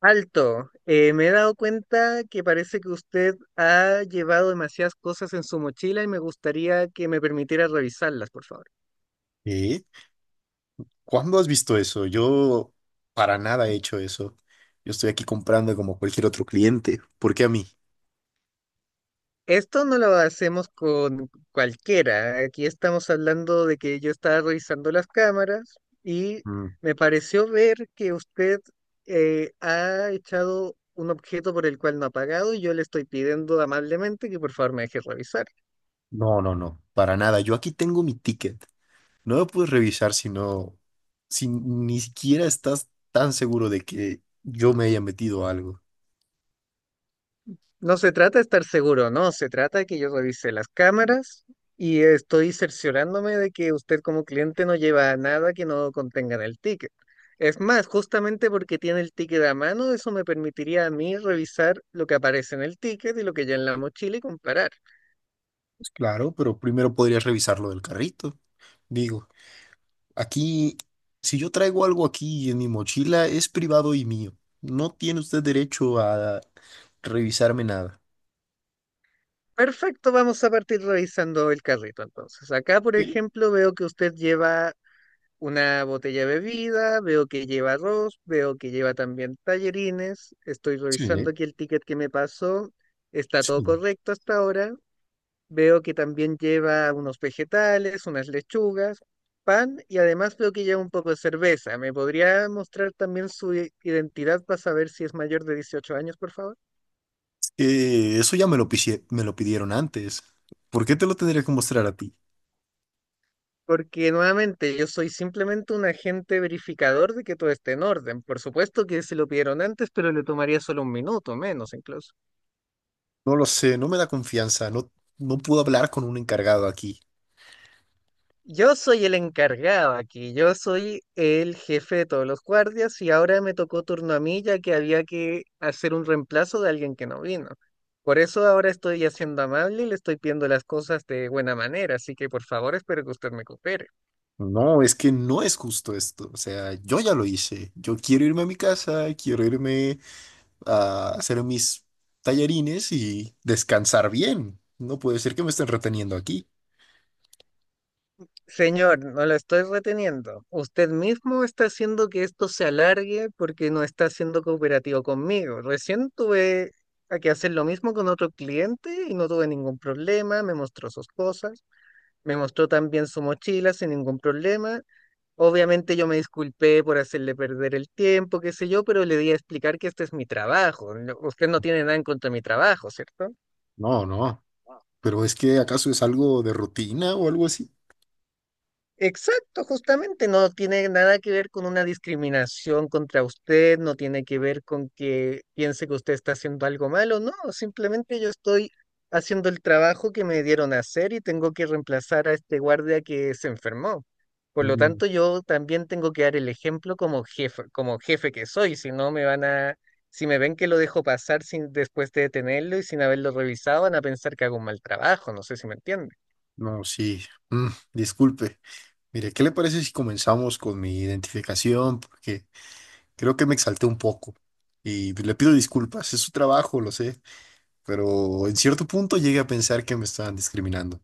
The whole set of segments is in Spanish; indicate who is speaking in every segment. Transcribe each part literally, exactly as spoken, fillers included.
Speaker 1: Alto, eh, me he dado cuenta que parece que usted ha llevado demasiadas cosas en su mochila y me gustaría que me permitiera revisarlas, por favor.
Speaker 2: ¿Eh? ¿Cuándo has visto eso? Yo para nada he hecho eso. Yo estoy aquí comprando como cualquier otro cliente. ¿Por qué a mí?
Speaker 1: Esto no lo hacemos con cualquiera. Aquí estamos hablando de que yo estaba revisando las cámaras y
Speaker 2: Mm,
Speaker 1: me pareció ver que usted eh, ha echado un objeto por el cual no ha pagado y yo le estoy pidiendo amablemente que por favor me deje revisar.
Speaker 2: No, no, no, para nada. Yo aquí tengo mi ticket. No lo puedes revisar si no, si ni siquiera estás tan seguro de que yo me haya metido algo.
Speaker 1: No se trata de estar seguro, no, se trata de que yo revise las cámaras y estoy cerciorándome de que usted como cliente no lleva nada que no contenga en el ticket. Es más, justamente porque tiene el ticket a mano, eso me permitiría a mí revisar lo que aparece en el ticket y lo que ya en la mochila y comparar.
Speaker 2: Pues claro, pero primero podrías revisar lo del carrito. Digo, aquí, si yo traigo algo aquí en mi mochila, es privado y mío. No tiene usted derecho a revisarme nada.
Speaker 1: Perfecto, vamos a partir revisando el carrito entonces. Acá, por ejemplo, veo que usted lleva una botella de bebida, veo que lleva arroz, veo que lleva también tallerines, estoy
Speaker 2: Sí,
Speaker 1: revisando aquí el ticket que me pasó, está todo
Speaker 2: sí.
Speaker 1: correcto hasta ahora, veo que también lleva unos vegetales, unas lechugas, pan y además veo que lleva un poco de cerveza. ¿Me podría mostrar también su i- identidad para saber si es mayor de dieciocho años, por favor?
Speaker 2: Eh, eso ya me lo, pisie- me lo pidieron antes. ¿Por qué te lo tendría que mostrar a ti?
Speaker 1: Porque nuevamente yo soy simplemente un agente verificador de que todo esté en orden. Por supuesto que se lo pidieron antes, pero le tomaría solo un minuto, menos incluso.
Speaker 2: No lo sé, no me da confianza. No, no puedo hablar con un encargado aquí.
Speaker 1: Yo soy el encargado aquí, yo soy el jefe de todos los guardias y ahora me tocó turno a mí ya que había que hacer un reemplazo de alguien que no vino. Por eso ahora estoy haciendo amable y le estoy pidiendo las cosas de buena manera, así que por favor espero que usted me coopere.
Speaker 2: No, es que no es justo esto. O sea, yo ya lo hice. Yo quiero irme a mi casa, quiero irme a hacer mis tallarines y descansar bien. No puede ser que me estén reteniendo aquí.
Speaker 1: Señor, no lo estoy reteniendo. Usted mismo está haciendo que esto se alargue porque no está siendo cooperativo conmigo. Recién tuve a que hacer lo mismo con otro cliente y no tuve ningún problema, me mostró sus cosas. Me mostró también su mochila sin ningún problema. Obviamente yo me disculpé por hacerle perder el tiempo, qué sé yo, pero le di a explicar que este es mi trabajo. no- Usted no tiene nada en contra de mi trabajo, ¿cierto?
Speaker 2: No, no. Pero es que ¿acaso es algo de rutina o algo así?
Speaker 1: Exacto, justamente no tiene nada que ver con una discriminación contra usted, no tiene que ver con que piense que usted está haciendo algo malo, no, simplemente yo estoy haciendo el trabajo que me dieron a hacer y tengo que reemplazar a este guardia que se enfermó. Por lo
Speaker 2: Mm,
Speaker 1: tanto, yo también tengo que dar el ejemplo como jefe, como jefe que soy, si no me van a, si me ven que lo dejo pasar sin, después de detenerlo y sin haberlo revisado, van a pensar que hago un mal trabajo, no sé si me entienden.
Speaker 2: no, sí. Mm, disculpe. Mire, ¿qué le parece si comenzamos con mi identificación? Porque creo que me exalté un poco. Y le pido disculpas, es su trabajo, lo sé. Pero en cierto punto llegué a pensar que me estaban discriminando.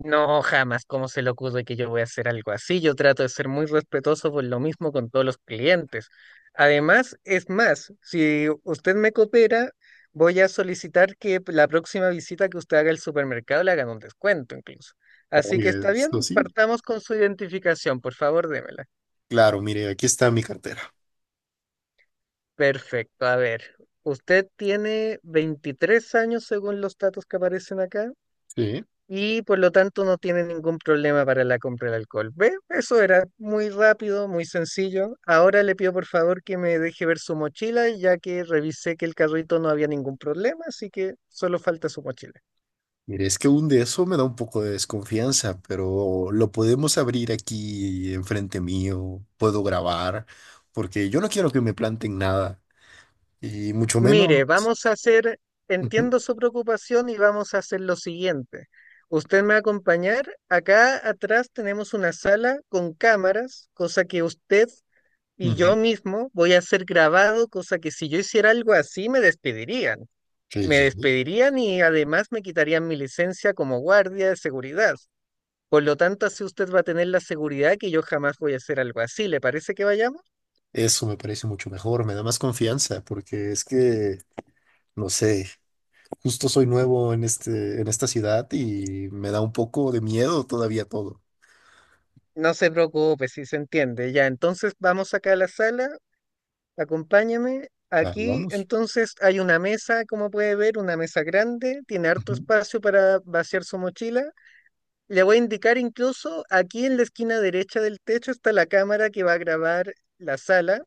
Speaker 1: No, jamás, ¿cómo se le ocurre que yo voy a hacer algo así? Yo trato de ser muy respetuoso por lo mismo con todos los clientes. Además, es más, si usted me coopera, voy a solicitar que la próxima visita que usted haga al supermercado le hagan un descuento incluso. Así que
Speaker 2: Oiga,
Speaker 1: está bien,
Speaker 2: esto sí.
Speaker 1: partamos con su identificación, por favor, démela.
Speaker 2: Claro, mire, aquí está mi cartera.
Speaker 1: Perfecto, a ver, usted tiene veintitrés años según los datos que aparecen acá,
Speaker 2: Sí.
Speaker 1: y por lo tanto no tiene ningún problema para la compra del alcohol. ¿Ve? Eso era muy rápido, muy sencillo. Ahora le pido por favor que me deje ver su mochila, ya que revisé que el carrito no había ningún problema, así que solo falta su mochila.
Speaker 2: Mire, es que un de eso me da un poco de desconfianza, pero lo podemos abrir aquí enfrente mío, puedo grabar, porque yo no quiero que me planten nada, y mucho menos.
Speaker 1: Mire, vamos a hacer,
Speaker 2: Ujú,
Speaker 1: entiendo su preocupación y vamos a hacer lo siguiente. Usted me va a acompañar. Acá atrás tenemos una sala con cámaras, cosa que usted y yo
Speaker 2: ujú.
Speaker 1: mismo voy a ser grabado, cosa que si yo hiciera algo así me despedirían.
Speaker 2: Sí,
Speaker 1: Me
Speaker 2: sí, sí.
Speaker 1: despedirían y además me quitarían mi licencia como guardia de seguridad. Por lo tanto, así usted va a tener la seguridad que yo jamás voy a hacer algo así. ¿Le parece que vayamos?
Speaker 2: Eso me parece mucho mejor, me da más confianza, porque es que, no sé, justo soy nuevo en este, en esta ciudad y me da un poco de miedo todavía todo.
Speaker 1: No se preocupe, si se entiende. Ya, entonces vamos acá a la sala, acompáñame.
Speaker 2: Claro,
Speaker 1: Aquí
Speaker 2: vamos.
Speaker 1: entonces hay una mesa, como puede ver, una mesa grande, tiene harto
Speaker 2: Ujú,
Speaker 1: espacio para vaciar su mochila. Le voy a indicar incluso aquí en la esquina derecha del techo está la cámara que va a grabar la sala.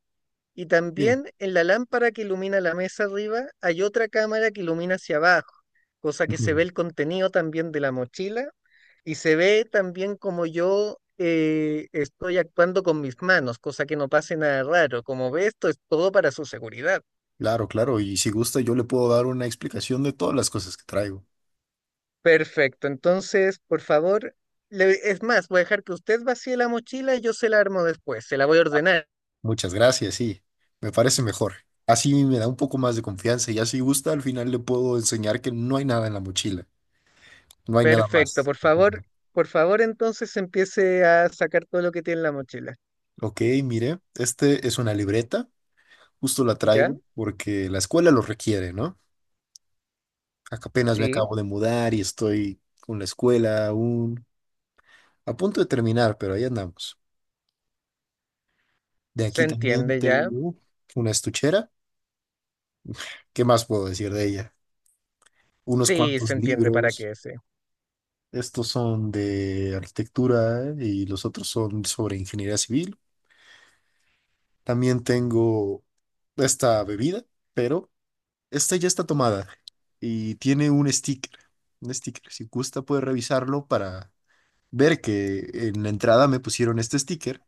Speaker 1: Y
Speaker 2: bien.
Speaker 1: también en la lámpara que ilumina la mesa arriba hay otra cámara que ilumina hacia abajo, cosa que se ve el contenido también de la mochila y se ve también como yo eh, estoy actuando con mis manos, cosa que no pase nada raro. Como ve, esto es todo para su seguridad.
Speaker 2: Claro, claro, y si gusta yo le puedo dar una explicación de todas las cosas que traigo.
Speaker 1: Perfecto, entonces, por favor, le- es más, voy a dejar que usted vacíe la mochila y yo se la armo después, se la voy a ordenar.
Speaker 2: Muchas gracias, sí, me parece mejor. Así me da un poco más de confianza y así gusta al final le puedo enseñar que no hay nada en la mochila, no hay nada
Speaker 1: Perfecto,
Speaker 2: más.
Speaker 1: por favor,
Speaker 2: Al
Speaker 1: por favor, entonces empiece a sacar todo lo que tiene en la mochila.
Speaker 2: Ok, mire, este es una libreta, justo la
Speaker 1: ¿Ya?
Speaker 2: traigo porque la escuela lo requiere, ¿no? Ac- Apenas me
Speaker 1: Sí,
Speaker 2: acabo de mudar y estoy con la escuela aún a punto de terminar, pero ahí andamos. De
Speaker 1: se
Speaker 2: aquí también
Speaker 1: entiende ya.
Speaker 2: tengo una estuchera. ¿Qué más puedo decir de ella? Unos
Speaker 1: Sí, se
Speaker 2: cuantos
Speaker 1: entiende para
Speaker 2: libros.
Speaker 1: qué ese.
Speaker 2: Estos son de arquitectura y los otros son sobre ingeniería civil. También tengo esta bebida, pero esta ya está tomada y tiene un sticker. Un sticker. Si gusta, puede revisarlo para ver que en la entrada me pusieron este sticker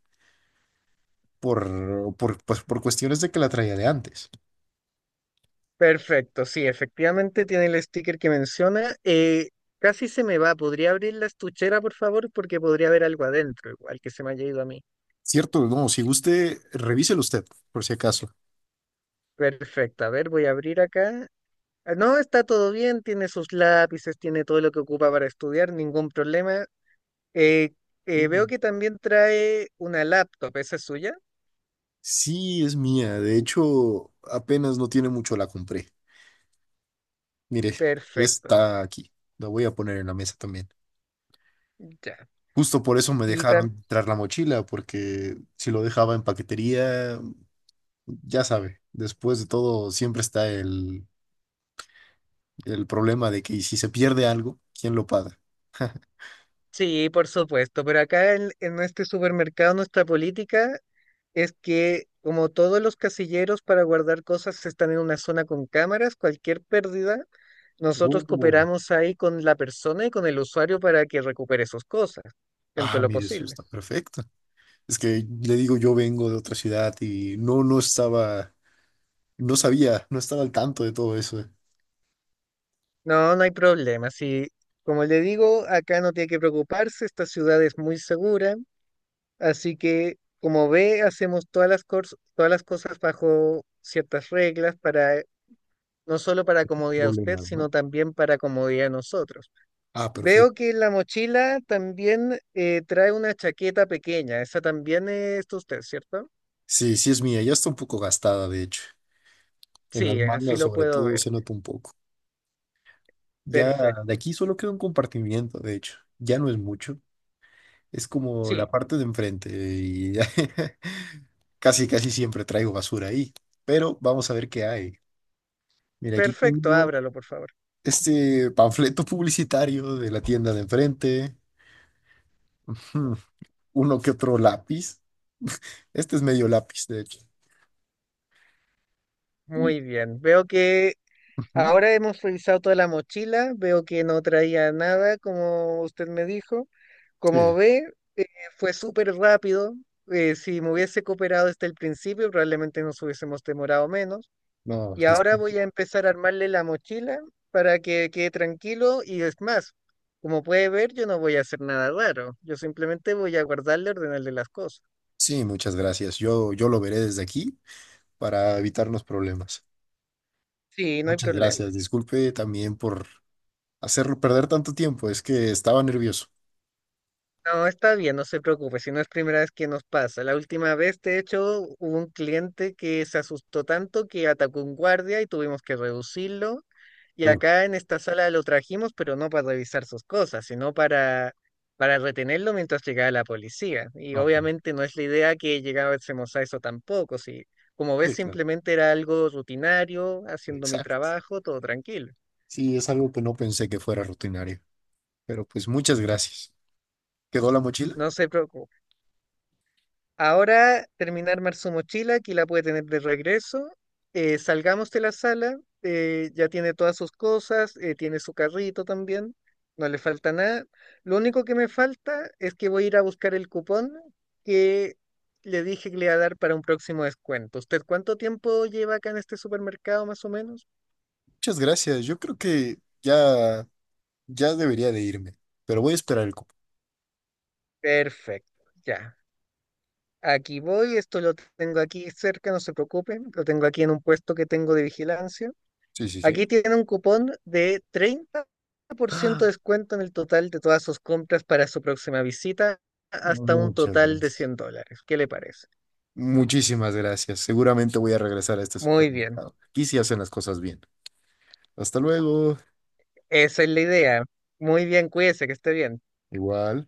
Speaker 2: por, por, pues, por cuestiones de que la traía de antes.
Speaker 1: Perfecto, sí, efectivamente tiene el sticker que menciona. Eh, casi se me va. ¿Podría abrir la estuchera, por favor? Porque podría haber algo adentro, igual que se me haya ido a mí.
Speaker 2: Cierto, no, si guste, revíselo usted, por si acaso.
Speaker 1: Perfecto, a ver, voy a abrir acá. Ah, no, está todo bien, tiene sus lápices, tiene todo lo que ocupa para estudiar, ningún problema. Eh, eh, veo que también trae una laptop, ¿esa es suya?
Speaker 2: Sí, es mía. De hecho, apenas no tiene mucho la compré. Mire,
Speaker 1: Perfecto,
Speaker 2: está aquí. La voy a poner en la mesa también.
Speaker 1: ya.
Speaker 2: Justo por eso me
Speaker 1: Y
Speaker 2: dejaron traer la mochila, porque si lo dejaba en paquetería, ya sabe, después de todo siempre está el, el problema de que si se pierde algo, ¿quién lo paga?
Speaker 1: sí, por supuesto, pero acá en, en este supermercado nuestra política es que como todos los casilleros para guardar cosas están en una zona con cámaras, cualquier pérdida, nosotros
Speaker 2: Oh.
Speaker 1: cooperamos ahí con la persona y con el usuario para que recupere sus cosas dentro de
Speaker 2: Ah,
Speaker 1: lo
Speaker 2: mire, eso
Speaker 1: posible.
Speaker 2: está perfecto. Es que le digo, yo vengo de otra ciudad y no, no estaba, no sabía, no estaba al tanto de todo ese
Speaker 1: No, no hay problema. Si, como le digo, acá no tiene que preocuparse, esta ciudad es muy segura, así que como ve, hacemos todas las, cors- todas las cosas bajo ciertas reglas para no solo para comodidad de usted,
Speaker 2: problema, ¿no?
Speaker 1: sino también para comodidad de nosotros.
Speaker 2: Ah,
Speaker 1: Veo
Speaker 2: perfecto.
Speaker 1: que la mochila también eh, trae una chaqueta pequeña, esa también es de usted, ¿cierto?
Speaker 2: Sí, sí es mía, ya está un poco gastada, de hecho. En las
Speaker 1: Sí, así
Speaker 2: mangas,
Speaker 1: lo
Speaker 2: sobre
Speaker 1: puedo
Speaker 2: todo,
Speaker 1: ver.
Speaker 2: se nota un poco. Ya de
Speaker 1: Perfecto.
Speaker 2: aquí solo queda un compartimiento, de hecho. Ya no es mucho. Es como la
Speaker 1: Sí,
Speaker 2: parte de enfrente y ya casi, casi siempre traigo basura ahí. Pero vamos a ver qué hay. Mira, aquí
Speaker 1: perfecto,
Speaker 2: tengo
Speaker 1: ábralo, por favor.
Speaker 2: este panfleto publicitario de la tienda de enfrente. Hmm, Uno que otro lápiz. Este es medio lápiz, de hecho. Y-
Speaker 1: Muy bien. Veo que
Speaker 2: Ujú,
Speaker 1: ahora hemos revisado toda la mochila, veo que no traía nada, como usted me dijo. Como
Speaker 2: sí,
Speaker 1: ve, eh, fue súper rápido. eh, si me hubiese cooperado desde el principio, probablemente nos hubiésemos demorado menos.
Speaker 2: no,
Speaker 1: Y
Speaker 2: dis-
Speaker 1: ahora voy a empezar a armarle la mochila para que quede tranquilo y es más, como puede ver, yo no voy a hacer nada raro, yo simplemente voy a guardarle, ordenarle las cosas.
Speaker 2: sí, muchas gracias. Yo, yo lo veré desde aquí para evitarnos problemas.
Speaker 1: Sí, no hay
Speaker 2: Muchas gracias.
Speaker 1: problema.
Speaker 2: Disculpe también por hacerlo perder tanto tiempo. Es que estaba nervioso.
Speaker 1: No, está bien, no se preocupe, si no es primera vez que nos pasa. La última vez, de hecho, hubo un cliente que se asustó tanto que atacó un guardia y tuvimos que reducirlo. Y
Speaker 2: Uf,
Speaker 1: acá en esta sala lo trajimos, pero no para revisar sus cosas, sino para, para retenerlo mientras llegaba la policía. Y
Speaker 2: no, pues,
Speaker 1: obviamente no es la idea que llegásemos a eso tampoco. Si, como
Speaker 2: sí,
Speaker 1: ves,
Speaker 2: claro.
Speaker 1: simplemente era algo rutinario, haciendo mi
Speaker 2: Exacto.
Speaker 1: trabajo, todo tranquilo.
Speaker 2: Sí, es algo que no pensé que fuera rutinario. Pero pues muchas gracias. ¿Quedó la mochila?
Speaker 1: No se preocupe. Ahora terminar su mochila, aquí la puede tener de regreso. Eh, salgamos de la sala, eh, ya tiene todas sus cosas, eh, tiene su carrito también, no le falta nada. Lo único que me falta es que voy a ir a buscar el cupón que le dije que le iba a dar para un próximo descuento. ¿Usted cuánto tiempo lleva acá en este supermercado más o menos?
Speaker 2: Muchas gracias. Yo creo que ya, ya debería de irme. Pero voy a esperar el cupo.
Speaker 1: Perfecto, ya. Aquí voy, esto lo tengo aquí cerca, no se preocupen, lo tengo aquí en un puesto que tengo de vigilancia.
Speaker 2: Sí, sí, sí.
Speaker 1: Aquí tiene un cupón de treinta por ciento de
Speaker 2: Ah,
Speaker 1: descuento en el total de todas sus compras para su próxima visita, hasta un
Speaker 2: muchas
Speaker 1: total de
Speaker 2: gracias.
Speaker 1: cien dólares. ¿Qué le parece?
Speaker 2: Muchísimas gracias. Seguramente voy a regresar a este
Speaker 1: Muy bien,
Speaker 2: supermercado. Aquí sí hacen las cosas bien. Hasta luego.
Speaker 1: esa es la idea. Muy bien, cuídese, que esté bien.
Speaker 2: Igual.